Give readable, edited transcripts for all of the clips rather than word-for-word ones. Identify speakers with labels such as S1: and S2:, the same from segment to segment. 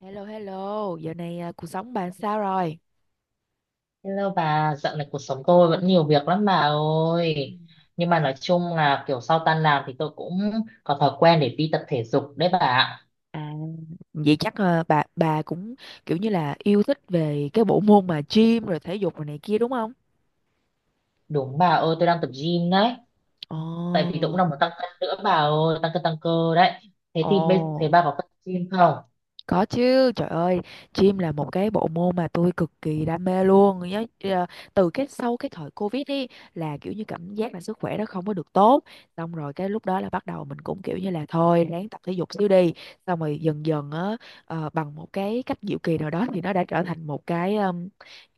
S1: Hello hello, giờ này à, cuộc sống bà sao rồi?
S2: Hello bà, dạo này cuộc sống tôi vẫn nhiều việc lắm bà
S1: Ừ.
S2: ơi. Nhưng mà nói chung là kiểu sau tan làm thì tôi cũng có thói quen để đi tập thể dục đấy bà ạ.
S1: À, vậy chắc à, bà cũng kiểu như là yêu thích về cái bộ môn mà gym rồi thể dục rồi này kia đúng không?
S2: Đúng bà ơi, tôi đang tập gym đấy.
S1: Ồ,
S2: Tại vì tôi cũng đang muốn tăng cân nữa bà ơi, tăng cân tăng cơ đấy. Thế thì thế
S1: ồ.
S2: bà có tập gym không?
S1: Có chứ, trời ơi, gym là một cái bộ môn mà tôi cực kỳ đam mê luôn. Nhớ từ cái sau cái thời Covid đi là kiểu như cảm giác là sức khỏe nó không có được tốt. Xong rồi cái lúc đó là bắt đầu mình cũng kiểu như là thôi ráng tập thể dục xíu đi. Xong rồi dần dần á bằng một cái cách diệu kỳ nào đó thì nó đã trở thành một cái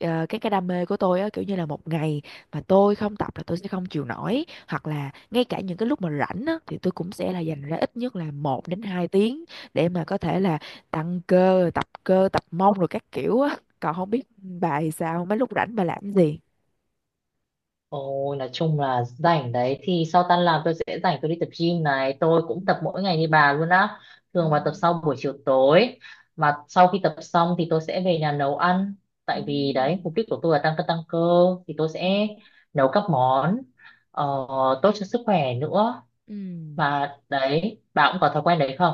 S1: cái đam mê của tôi á, kiểu như là một ngày mà tôi không tập là tôi sẽ không chịu nổi, hoặc là ngay cả những cái lúc mà rảnh á thì tôi cũng sẽ là dành ra ít nhất là một đến 2 tiếng để mà có thể là tăng cơ, tập cơ, tập mông rồi các kiểu á. Còn không biết bà thì sao, mấy lúc rảnh bà làm cái gì?
S2: Ôi, nói chung là rảnh đấy thì sau tan làm tôi sẽ rảnh, tôi đi tập gym này, tôi cũng tập mỗi ngày như bà luôn á,
S1: Ừ.
S2: thường vào tập sau buổi chiều tối. Mà sau khi tập xong thì tôi sẽ về nhà nấu ăn,
S1: Ừ.
S2: tại vì đấy mục đích của tôi là tăng cân tăng cơ, thì tôi
S1: Ừ.
S2: sẽ nấu các món ờ, tốt cho sức khỏe nữa.
S1: Ừ.
S2: Mà đấy bà cũng có thói quen đấy không?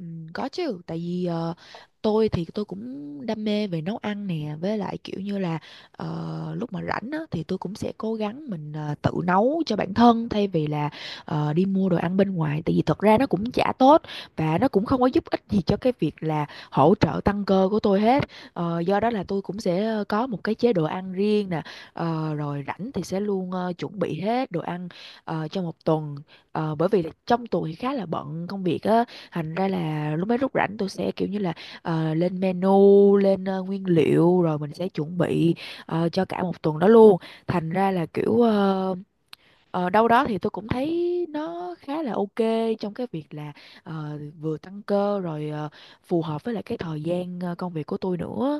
S1: Có chứ, tại vì tôi thì tôi cũng đam mê về nấu ăn nè, với lại kiểu như là lúc mà rảnh á, thì tôi cũng sẽ cố gắng mình tự nấu cho bản thân, thay vì là đi mua đồ ăn bên ngoài, tại vì thật ra nó cũng chả tốt và nó cũng không có giúp ích gì cho cái việc là hỗ trợ tăng cơ của tôi hết. Ờ, do đó là tôi cũng sẽ có một cái chế độ ăn riêng nè, rồi rảnh thì sẽ luôn chuẩn bị hết đồ ăn cho một tuần. Ờ, bởi vì là trong tuần thì khá là bận công việc á, thành ra là mấy lúc rảnh tôi sẽ kiểu như là lên menu, lên nguyên liệu rồi mình sẽ chuẩn bị cho cả một tuần đó luôn. Thành ra là kiểu đâu đó thì tôi cũng thấy nó khá là ok trong cái việc là vừa tăng cơ rồi phù hợp với lại cái thời gian công việc của tôi nữa.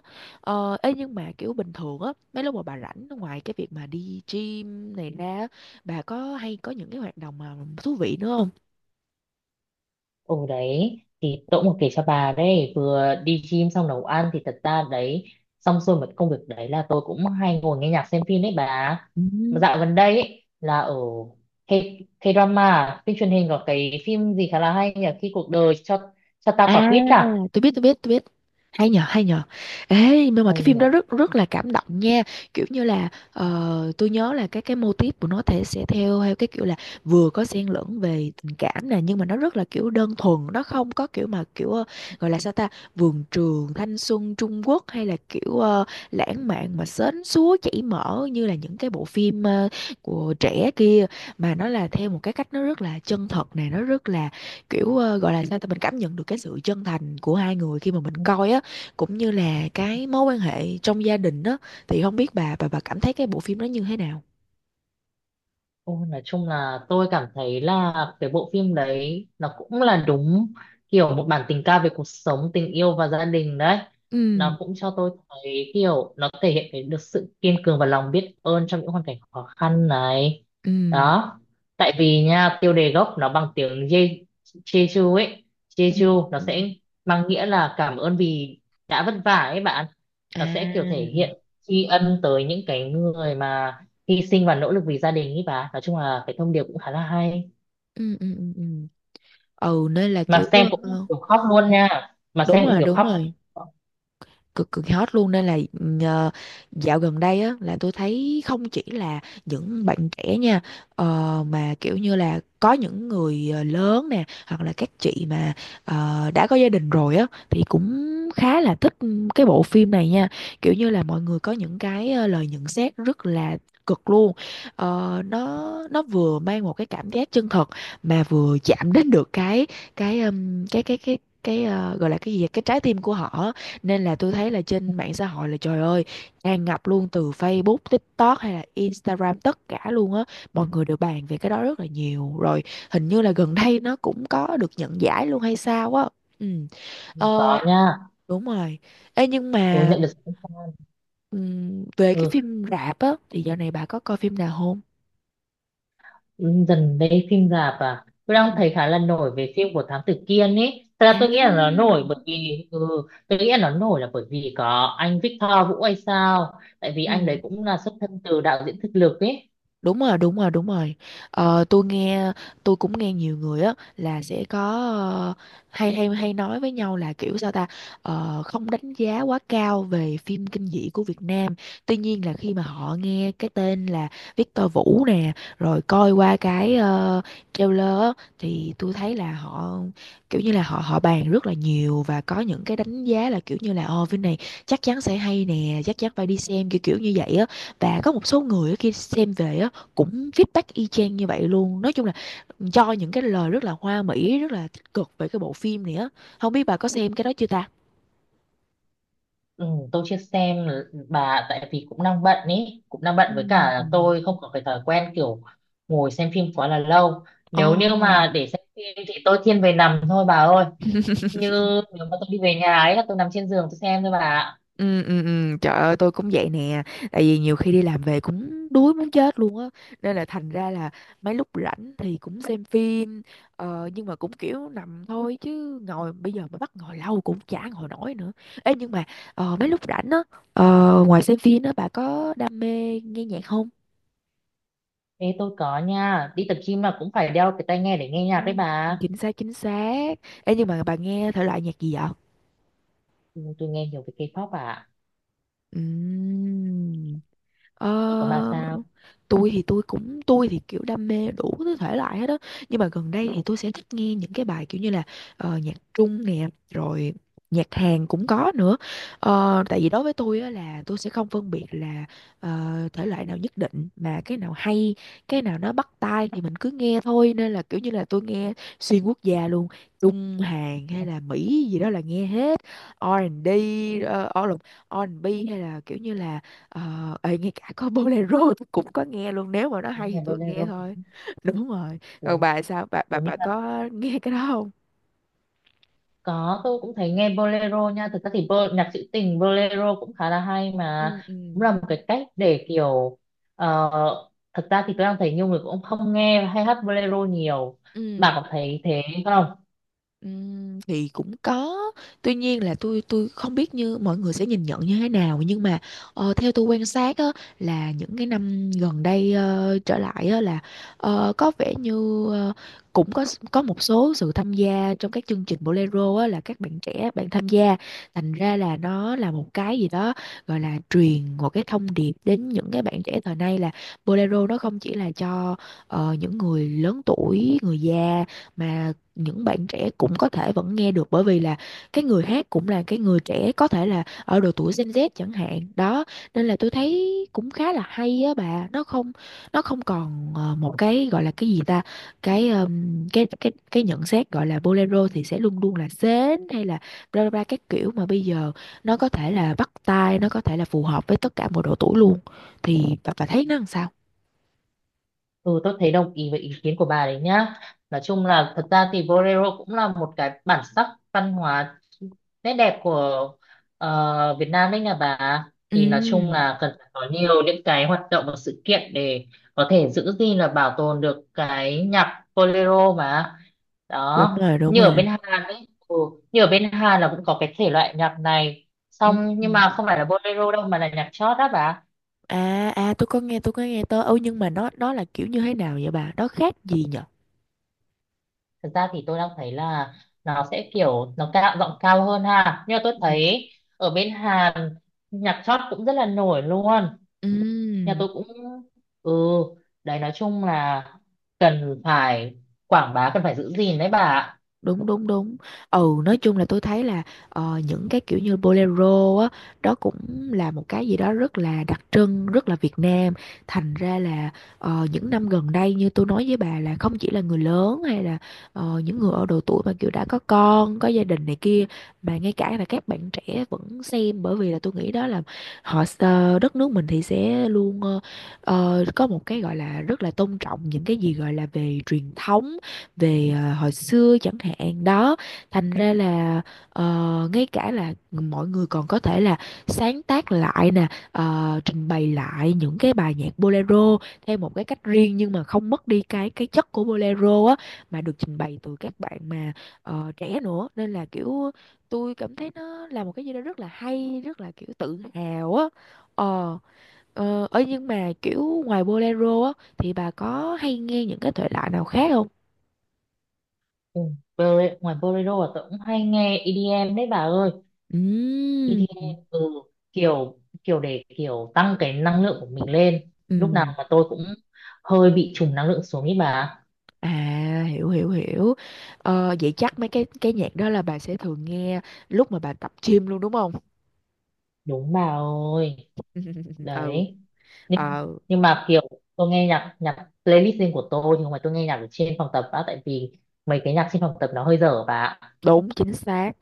S1: Ấy nhưng mà kiểu bình thường á, mấy lúc mà bà rảnh ngoài cái việc mà đi gym này ra á, bà có hay có những cái hoạt động mà thú vị nữa không?
S2: Ồ đấy thì tôi cũng có kể cho bà đấy, vừa đi gym xong nấu ăn thì thật ra đấy xong xuôi một công việc đấy là tôi cũng hay ngồi nghe nhạc xem phim đấy bà.
S1: Ừ.
S2: Mà dạo gần đây ấy, là ở K, K-drama phim truyền hình có cái phim gì khá là hay nhỉ, khi cuộc đời cho ta quả
S1: À,
S2: quýt à,
S1: tôi biết, tôi biết, tôi biết. Hay nhờ, hay nhờ. Ê nhưng mà
S2: hay
S1: cái phim
S2: nhỉ.
S1: đó rất rất là cảm động nha, kiểu như là tôi nhớ là cái mô típ của nó thể sẽ theo theo cái kiểu là vừa có xen lẫn về tình cảm nè, nhưng mà nó rất là kiểu đơn thuần, nó không có kiểu mà kiểu gọi là sao ta, vườn trường thanh xuân Trung Quốc hay là kiểu lãng mạn mà sến súa chảy mỡ như là những cái bộ phim của trẻ kia. Mà nó là theo một cái cách nó rất là chân thật nè, nó rất là kiểu gọi là sao ta, mình cảm nhận được cái sự chân thành của hai người khi mà mình coi á, cũng như là cái mối quan hệ trong gia đình á. Thì không biết bà cảm thấy cái bộ phim đó như thế nào?
S2: Ôi, nói chung là tôi cảm thấy là cái bộ phim đấy nó cũng là đúng kiểu một bản tình ca về cuộc sống, tình yêu và gia đình đấy.
S1: Ừ.
S2: Nó cũng cho tôi thấy kiểu nó thể hiện cái được sự kiên cường và lòng biết ơn trong những hoàn cảnh khó khăn này.
S1: Ừ.
S2: Đó. Tại vì nha, tiêu đề gốc nó bằng tiếng Jeju ấy.
S1: Ừ.
S2: Jeju nó
S1: Ừ.
S2: sẽ mang nghĩa là cảm ơn vì đã vất vả ấy bạn.
S1: À.
S2: Nó sẽ kiểu thể hiện tri ân tới những cái người mà hy sinh và nỗ lực vì gia đình ý bà, nói chung là cái thông điệp cũng khá là hay,
S1: Ừ, ừ, ừ, ừ. Ừ nên là
S2: mà
S1: kiểu
S2: xem cũng
S1: ờ,
S2: kiểu khóc luôn nha, mà
S1: đúng
S2: xem cũng
S1: rồi,
S2: kiểu
S1: đúng
S2: khóc.
S1: rồi, cực cực hot luôn, nên là ờ, dạo gần đây á là tôi thấy không chỉ là những bạn trẻ nha, mà kiểu như là có những người lớn nè, hoặc là các chị mà đã có gia đình rồi á thì cũng khá là thích cái bộ phim này nha. Kiểu như là mọi người có những cái lời nhận xét rất là cực luôn. Ờ, nó vừa mang một cái cảm giác chân thật mà vừa chạm đến được cái cái gọi là cái gì vậy? Cái trái tim của họ á. Nên là tôi thấy là trên mạng xã hội là trời ơi, tràn ngập luôn, từ Facebook, TikTok hay là Instagram, tất cả luôn á. Mọi người đều bàn về cái đó rất là nhiều. Rồi hình như là gần đây nó cũng có được nhận giải luôn hay sao á. Ừ. Ờ,
S2: Có nha.
S1: đúng rồi. Ê nhưng
S2: Ừ,
S1: mà
S2: nhận được sự khen fan.
S1: về cái
S2: Ừ,
S1: phim rạp á thì dạo này bà có coi phim nào không?
S2: dần đây phim rạp à tôi
S1: Ừ.
S2: đang thấy khá là nổi về phim của Thám Tử Kiên ấy, thật ra
S1: À.
S2: tôi nghĩ là nó nổi là bởi vì có anh Victor Vũ hay sao, tại vì
S1: Ừ.
S2: anh đấy cũng là xuất thân từ đạo diễn thực lực ấy.
S1: Đúng rồi, đúng rồi, đúng rồi. Ờ, tôi nghe, tôi cũng nghe nhiều người á là sẽ có ờ, hay hay hay nói với nhau là kiểu sao ta. Ờ, không đánh giá quá cao về phim kinh dị của Việt Nam. Tuy nhiên là khi mà họ nghe cái tên là Victor Vũ nè, rồi coi qua cái trailer á, thì tôi thấy là họ kiểu như là họ họ bàn rất là nhiều, và có những cái đánh giá là kiểu như là ồ phim này chắc chắn sẽ hay nè, chắc chắn phải đi xem, kiểu kiểu như vậy á. Và có một số người á, khi xem về á cũng feedback y chang như vậy luôn. Nói chung là cho những cái lời rất là hoa mỹ, rất là tích cực về cái bộ phim này á. Không biết bà có xem cái đó chưa ta?
S2: Ừ, tôi chưa xem bà, tại vì cũng đang bận ý cũng đang bận, với cả
S1: Ừm.
S2: tôi không có cái thói quen kiểu ngồi xem phim quá là lâu.
S1: Trời
S2: Nếu như
S1: Ồ.
S2: mà để xem phim thì tôi thiên về nằm thôi bà ơi. Như nếu mà tôi đi về nhà ấy là tôi nằm trên giường tôi xem thôi bà ạ.
S1: Ừ, ừ, ừ. Trời ơi tôi cũng vậy nè. Tại vì nhiều khi đi làm về cũng đuối muốn chết luôn á. Nên là thành ra là mấy lúc rảnh thì cũng xem phim nhưng mà cũng kiểu nằm thôi, chứ ngồi bây giờ mà bắt ngồi lâu cũng chả ngồi nổi nữa. Ê nhưng mà mấy lúc rảnh á ngoài xem phim á, bà có đam mê nghe nhạc không?
S2: Ê tôi có nha, đi tập gym mà cũng phải đeo cái tai nghe để nghe
S1: Ừ,
S2: nhạc đấy bà.
S1: chính xác, chính xác. Ê nhưng mà bà nghe thể loại nhạc gì vậy?
S2: Ừ, tôi nghe nhiều về K-pop bà ạ.
S1: Ừm. Ờ,
S2: Ủa, còn bà sao?
S1: tôi thì tôi cũng, tôi thì kiểu đam mê đủ thứ thể loại hết đó, nhưng mà gần đây thì tôi sẽ thích nghe những cái bài kiểu như là nhạc Trung nè, rồi nhạc Hàn cũng có nữa. Ờ, tại vì đối với tôi á, là tôi sẽ không phân biệt là ờ, thể loại nào nhất định, mà cái nào hay, cái nào nó bắt tai thì mình cứ nghe thôi. Nên là kiểu như là tôi nghe xuyên quốc gia luôn, Trung, Hàn hay là Mỹ gì đó là nghe hết. R&B, uh, R&B hay là kiểu như là Ờ, ê, ngay cả có bolero tôi cũng có nghe luôn, nếu mà nó hay thì
S2: Nghe
S1: tôi nghe
S2: bolero
S1: thôi. Đúng rồi, còn
S2: cuốn,
S1: bà sao, bà bà
S2: cuốn như...
S1: bà có nghe cái đó không?
S2: Có, tôi cũng thấy nghe bolero nha. Thực ra thì nhạc trữ tình bolero cũng khá là hay, mà
S1: Ừ. Ừ.
S2: cũng là một cái cách để kiểu ờ, thật ra thì tôi đang thấy nhiều người cũng không nghe hay hát bolero nhiều. Bà
S1: Ừ.
S2: có thấy thế không?
S1: Thì cũng có. Tuy nhiên là tôi không biết như mọi người sẽ nhìn nhận như thế nào, nhưng mà theo tôi quan sát á, là những cái năm gần đây trở lại á, là có vẻ như cũng có một số sự tham gia trong các chương trình bolero á, là các bạn trẻ bạn tham gia. Thành ra là nó là một cái gì đó gọi là truyền một cái thông điệp đến những cái bạn trẻ thời nay, là bolero nó không chỉ là cho những người lớn tuổi, người già, mà những bạn trẻ cũng có thể vẫn nghe được, bởi vì là cái người hát cũng là cái người trẻ, có thể là ở độ tuổi Gen Z chẳng hạn đó. Nên là tôi thấy cũng khá là hay á bà, nó không, nó không còn một cái gọi là cái gì ta, cái cái nhận xét gọi là bolero thì sẽ luôn luôn là sến, hay là bla bla bla các kiểu, mà bây giờ nó có thể là bắt tai, nó có thể là phù hợp với tất cả mọi độ tuổi luôn. Thì bà thấy nó làm sao?
S2: Ừ, tôi thấy đồng ý với ý kiến của bà đấy nhá. Nói chung là thật ra thì bolero cũng là một cái bản sắc văn hóa nét đẹp của Việt Nam đấy nhà bà.
S1: Ừ,
S2: Thì nói chung là cần phải có nhiều những cái hoạt động và sự kiện để có thể giữ gìn là bảo tồn được cái nhạc bolero mà.
S1: đúng
S2: Đó,
S1: rồi, đúng
S2: như ở
S1: rồi.
S2: bên Hàn ấy, như ở bên Hàn là cũng có cái thể loại nhạc này. Xong
S1: Ừ.
S2: nhưng mà không phải là bolero đâu mà là nhạc chót đó bà.
S1: À à, tôi có nghe, tôi có nghe tới. Ừ nhưng mà nó là kiểu như thế nào vậy bà? Nó khác gì nhở?
S2: Thực ra thì tôi đang thấy là nó sẽ kiểu nó cao giọng cao hơn ha, nhưng mà tôi
S1: Ừ.
S2: thấy ở bên Hàn nhạc chót cũng rất là nổi luôn,
S1: Ừ.
S2: nhà tôi cũng... ừ đấy nói chung là cần phải quảng bá, cần phải giữ gìn đấy bà ạ.
S1: Đúng, đúng, đúng. Ừ, nói chung là tôi thấy là những cái kiểu như bolero á, đó cũng là một cái gì đó rất là đặc trưng, rất là Việt Nam. Thành ra là những năm gần đây như tôi nói với bà, là không chỉ là người lớn hay là những người ở độ tuổi mà kiểu đã có con, có gia đình này kia, mà ngay cả là các bạn trẻ vẫn xem, bởi vì là tôi nghĩ đó là họ đất nước mình thì sẽ luôn có một cái gọi là rất là tôn trọng những cái gì gọi là về truyền thống, về à, hồi xưa chẳng hạn đó. Thành ra là ngay cả là mọi người còn có thể là sáng tác lại nè, trình bày lại những cái bài nhạc bolero theo một cái cách riêng, nhưng mà không mất đi cái chất của bolero á, mà được trình bày từ các bạn mà trẻ nữa, nên là kiểu tôi cảm thấy nó là một cái gì đó rất là hay, rất là kiểu tự hào á. Ờ, ờ ấy nhưng mà kiểu ngoài bolero á, thì bà có hay nghe những cái thể loại nào khác không?
S2: Ừ, bolero, ngoài bolero là tôi cũng hay nghe EDM đấy bà ơi.
S1: Ừm,
S2: EDM, kiểu kiểu để kiểu tăng cái năng lượng của mình lên, lúc nào
S1: ừm.
S2: mà tôi cũng hơi bị trùng năng lượng xuống ý bà.
S1: À, hiểu, hiểu, hiểu. Ờ, vậy chắc mấy cái nhạc đó là bà sẽ thường nghe lúc mà bà tập gym luôn đúng không?
S2: Đúng bà ơi
S1: Ừ,
S2: đấy, nhưng
S1: ờ,
S2: nhưng mà kiểu tôi nghe nhạc nhạc playlist riêng của tôi, nhưng mà tôi nghe nhạc ở trên phòng tập á, tại vì mấy cái nhạc trên phòng tập nó hơi dở bà ạ.
S1: đúng, chính xác.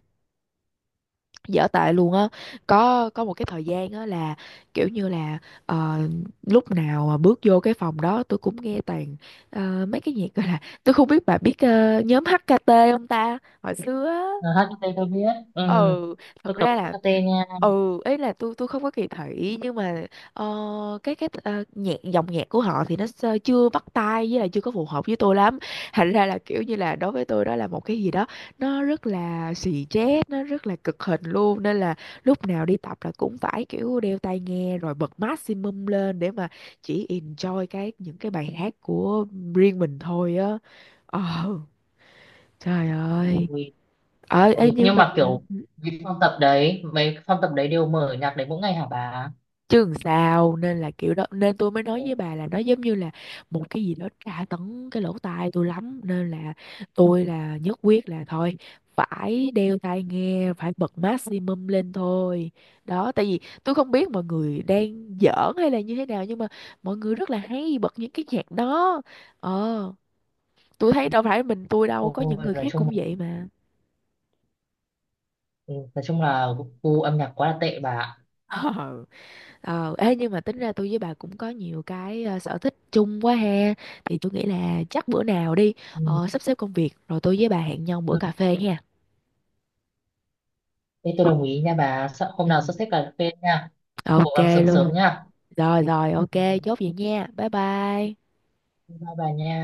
S1: Dở tệ luôn á. Có một cái thời gian á là kiểu như là ờ, lúc nào mà bước vô cái phòng đó tôi cũng nghe toàn mấy cái nhạc, gọi là tôi không biết bà biết nhóm HKT không ta? Hồi xưa á.
S2: Ờ, HKT tôi biết ừ.
S1: Ừ, thật
S2: Tôi có
S1: ra
S2: biết hát
S1: là
S2: HKT nha.
S1: ừ ấy là tôi không có kỳ thị, nhưng mà ờ, cái nhạc, dòng nhạc của họ thì nó sơ- chưa bắt tai, với lại chưa có phù hợp với tôi lắm. Thành ra là kiểu như là đối với tôi đó là một cái gì đó nó rất là xì chét, nó rất là cực hình luôn. Nên là lúc nào đi tập là cũng phải kiểu đeo tai nghe rồi bật maximum lên để mà chỉ enjoy cái những cái bài hát của riêng mình thôi á. Ờ, trời ơi.
S2: Ui,
S1: Ờ, ê,
S2: ui,
S1: nhưng
S2: nhưng
S1: mà
S2: mà
S1: ừ.
S2: kiểu cái phòng tập đấy mấy phòng tập đấy đều mở nhạc đấy mỗi ngày hả bà?
S1: Chứ làm sao, nên là kiểu đó, nên tôi mới nói với bà là nó giống như là một cái gì đó tra tấn cái lỗ tai tôi lắm, nên là tôi là nhất quyết là thôi phải đeo tai nghe, phải bật maximum lên thôi. Đó, tại vì tôi không biết mọi người đang giỡn hay là như thế nào, nhưng mà mọi người rất là hay bật những cái nhạc đó. Ờ, tôi thấy đâu phải mình tôi đâu, có những
S2: Ôi,
S1: người
S2: nói
S1: khác
S2: chung
S1: cũng
S2: là,
S1: vậy mà.
S2: ừ, nói chung là gu âm nhạc quá là tệ bà ạ.
S1: Ờ, ê, nhưng mà tính ra tôi với bà cũng có nhiều cái sở thích chung quá ha. Thì tôi nghĩ là chắc bữa nào đi
S2: Ừ.
S1: sắp xếp công việc rồi tôi với bà hẹn nhau bữa
S2: ừ.
S1: cà phê ha.
S2: Thế tôi
S1: Ok,
S2: đồng ý nha bà. Hôm
S1: ừ,
S2: nào sắp xếp cà phê nha. Cố
S1: ok
S2: gắng sớm sớm
S1: luôn.
S2: nha.
S1: Rồi rồi, ok,
S2: Ừ.
S1: chốt vậy nha. Bye bye.
S2: Bye bà nha.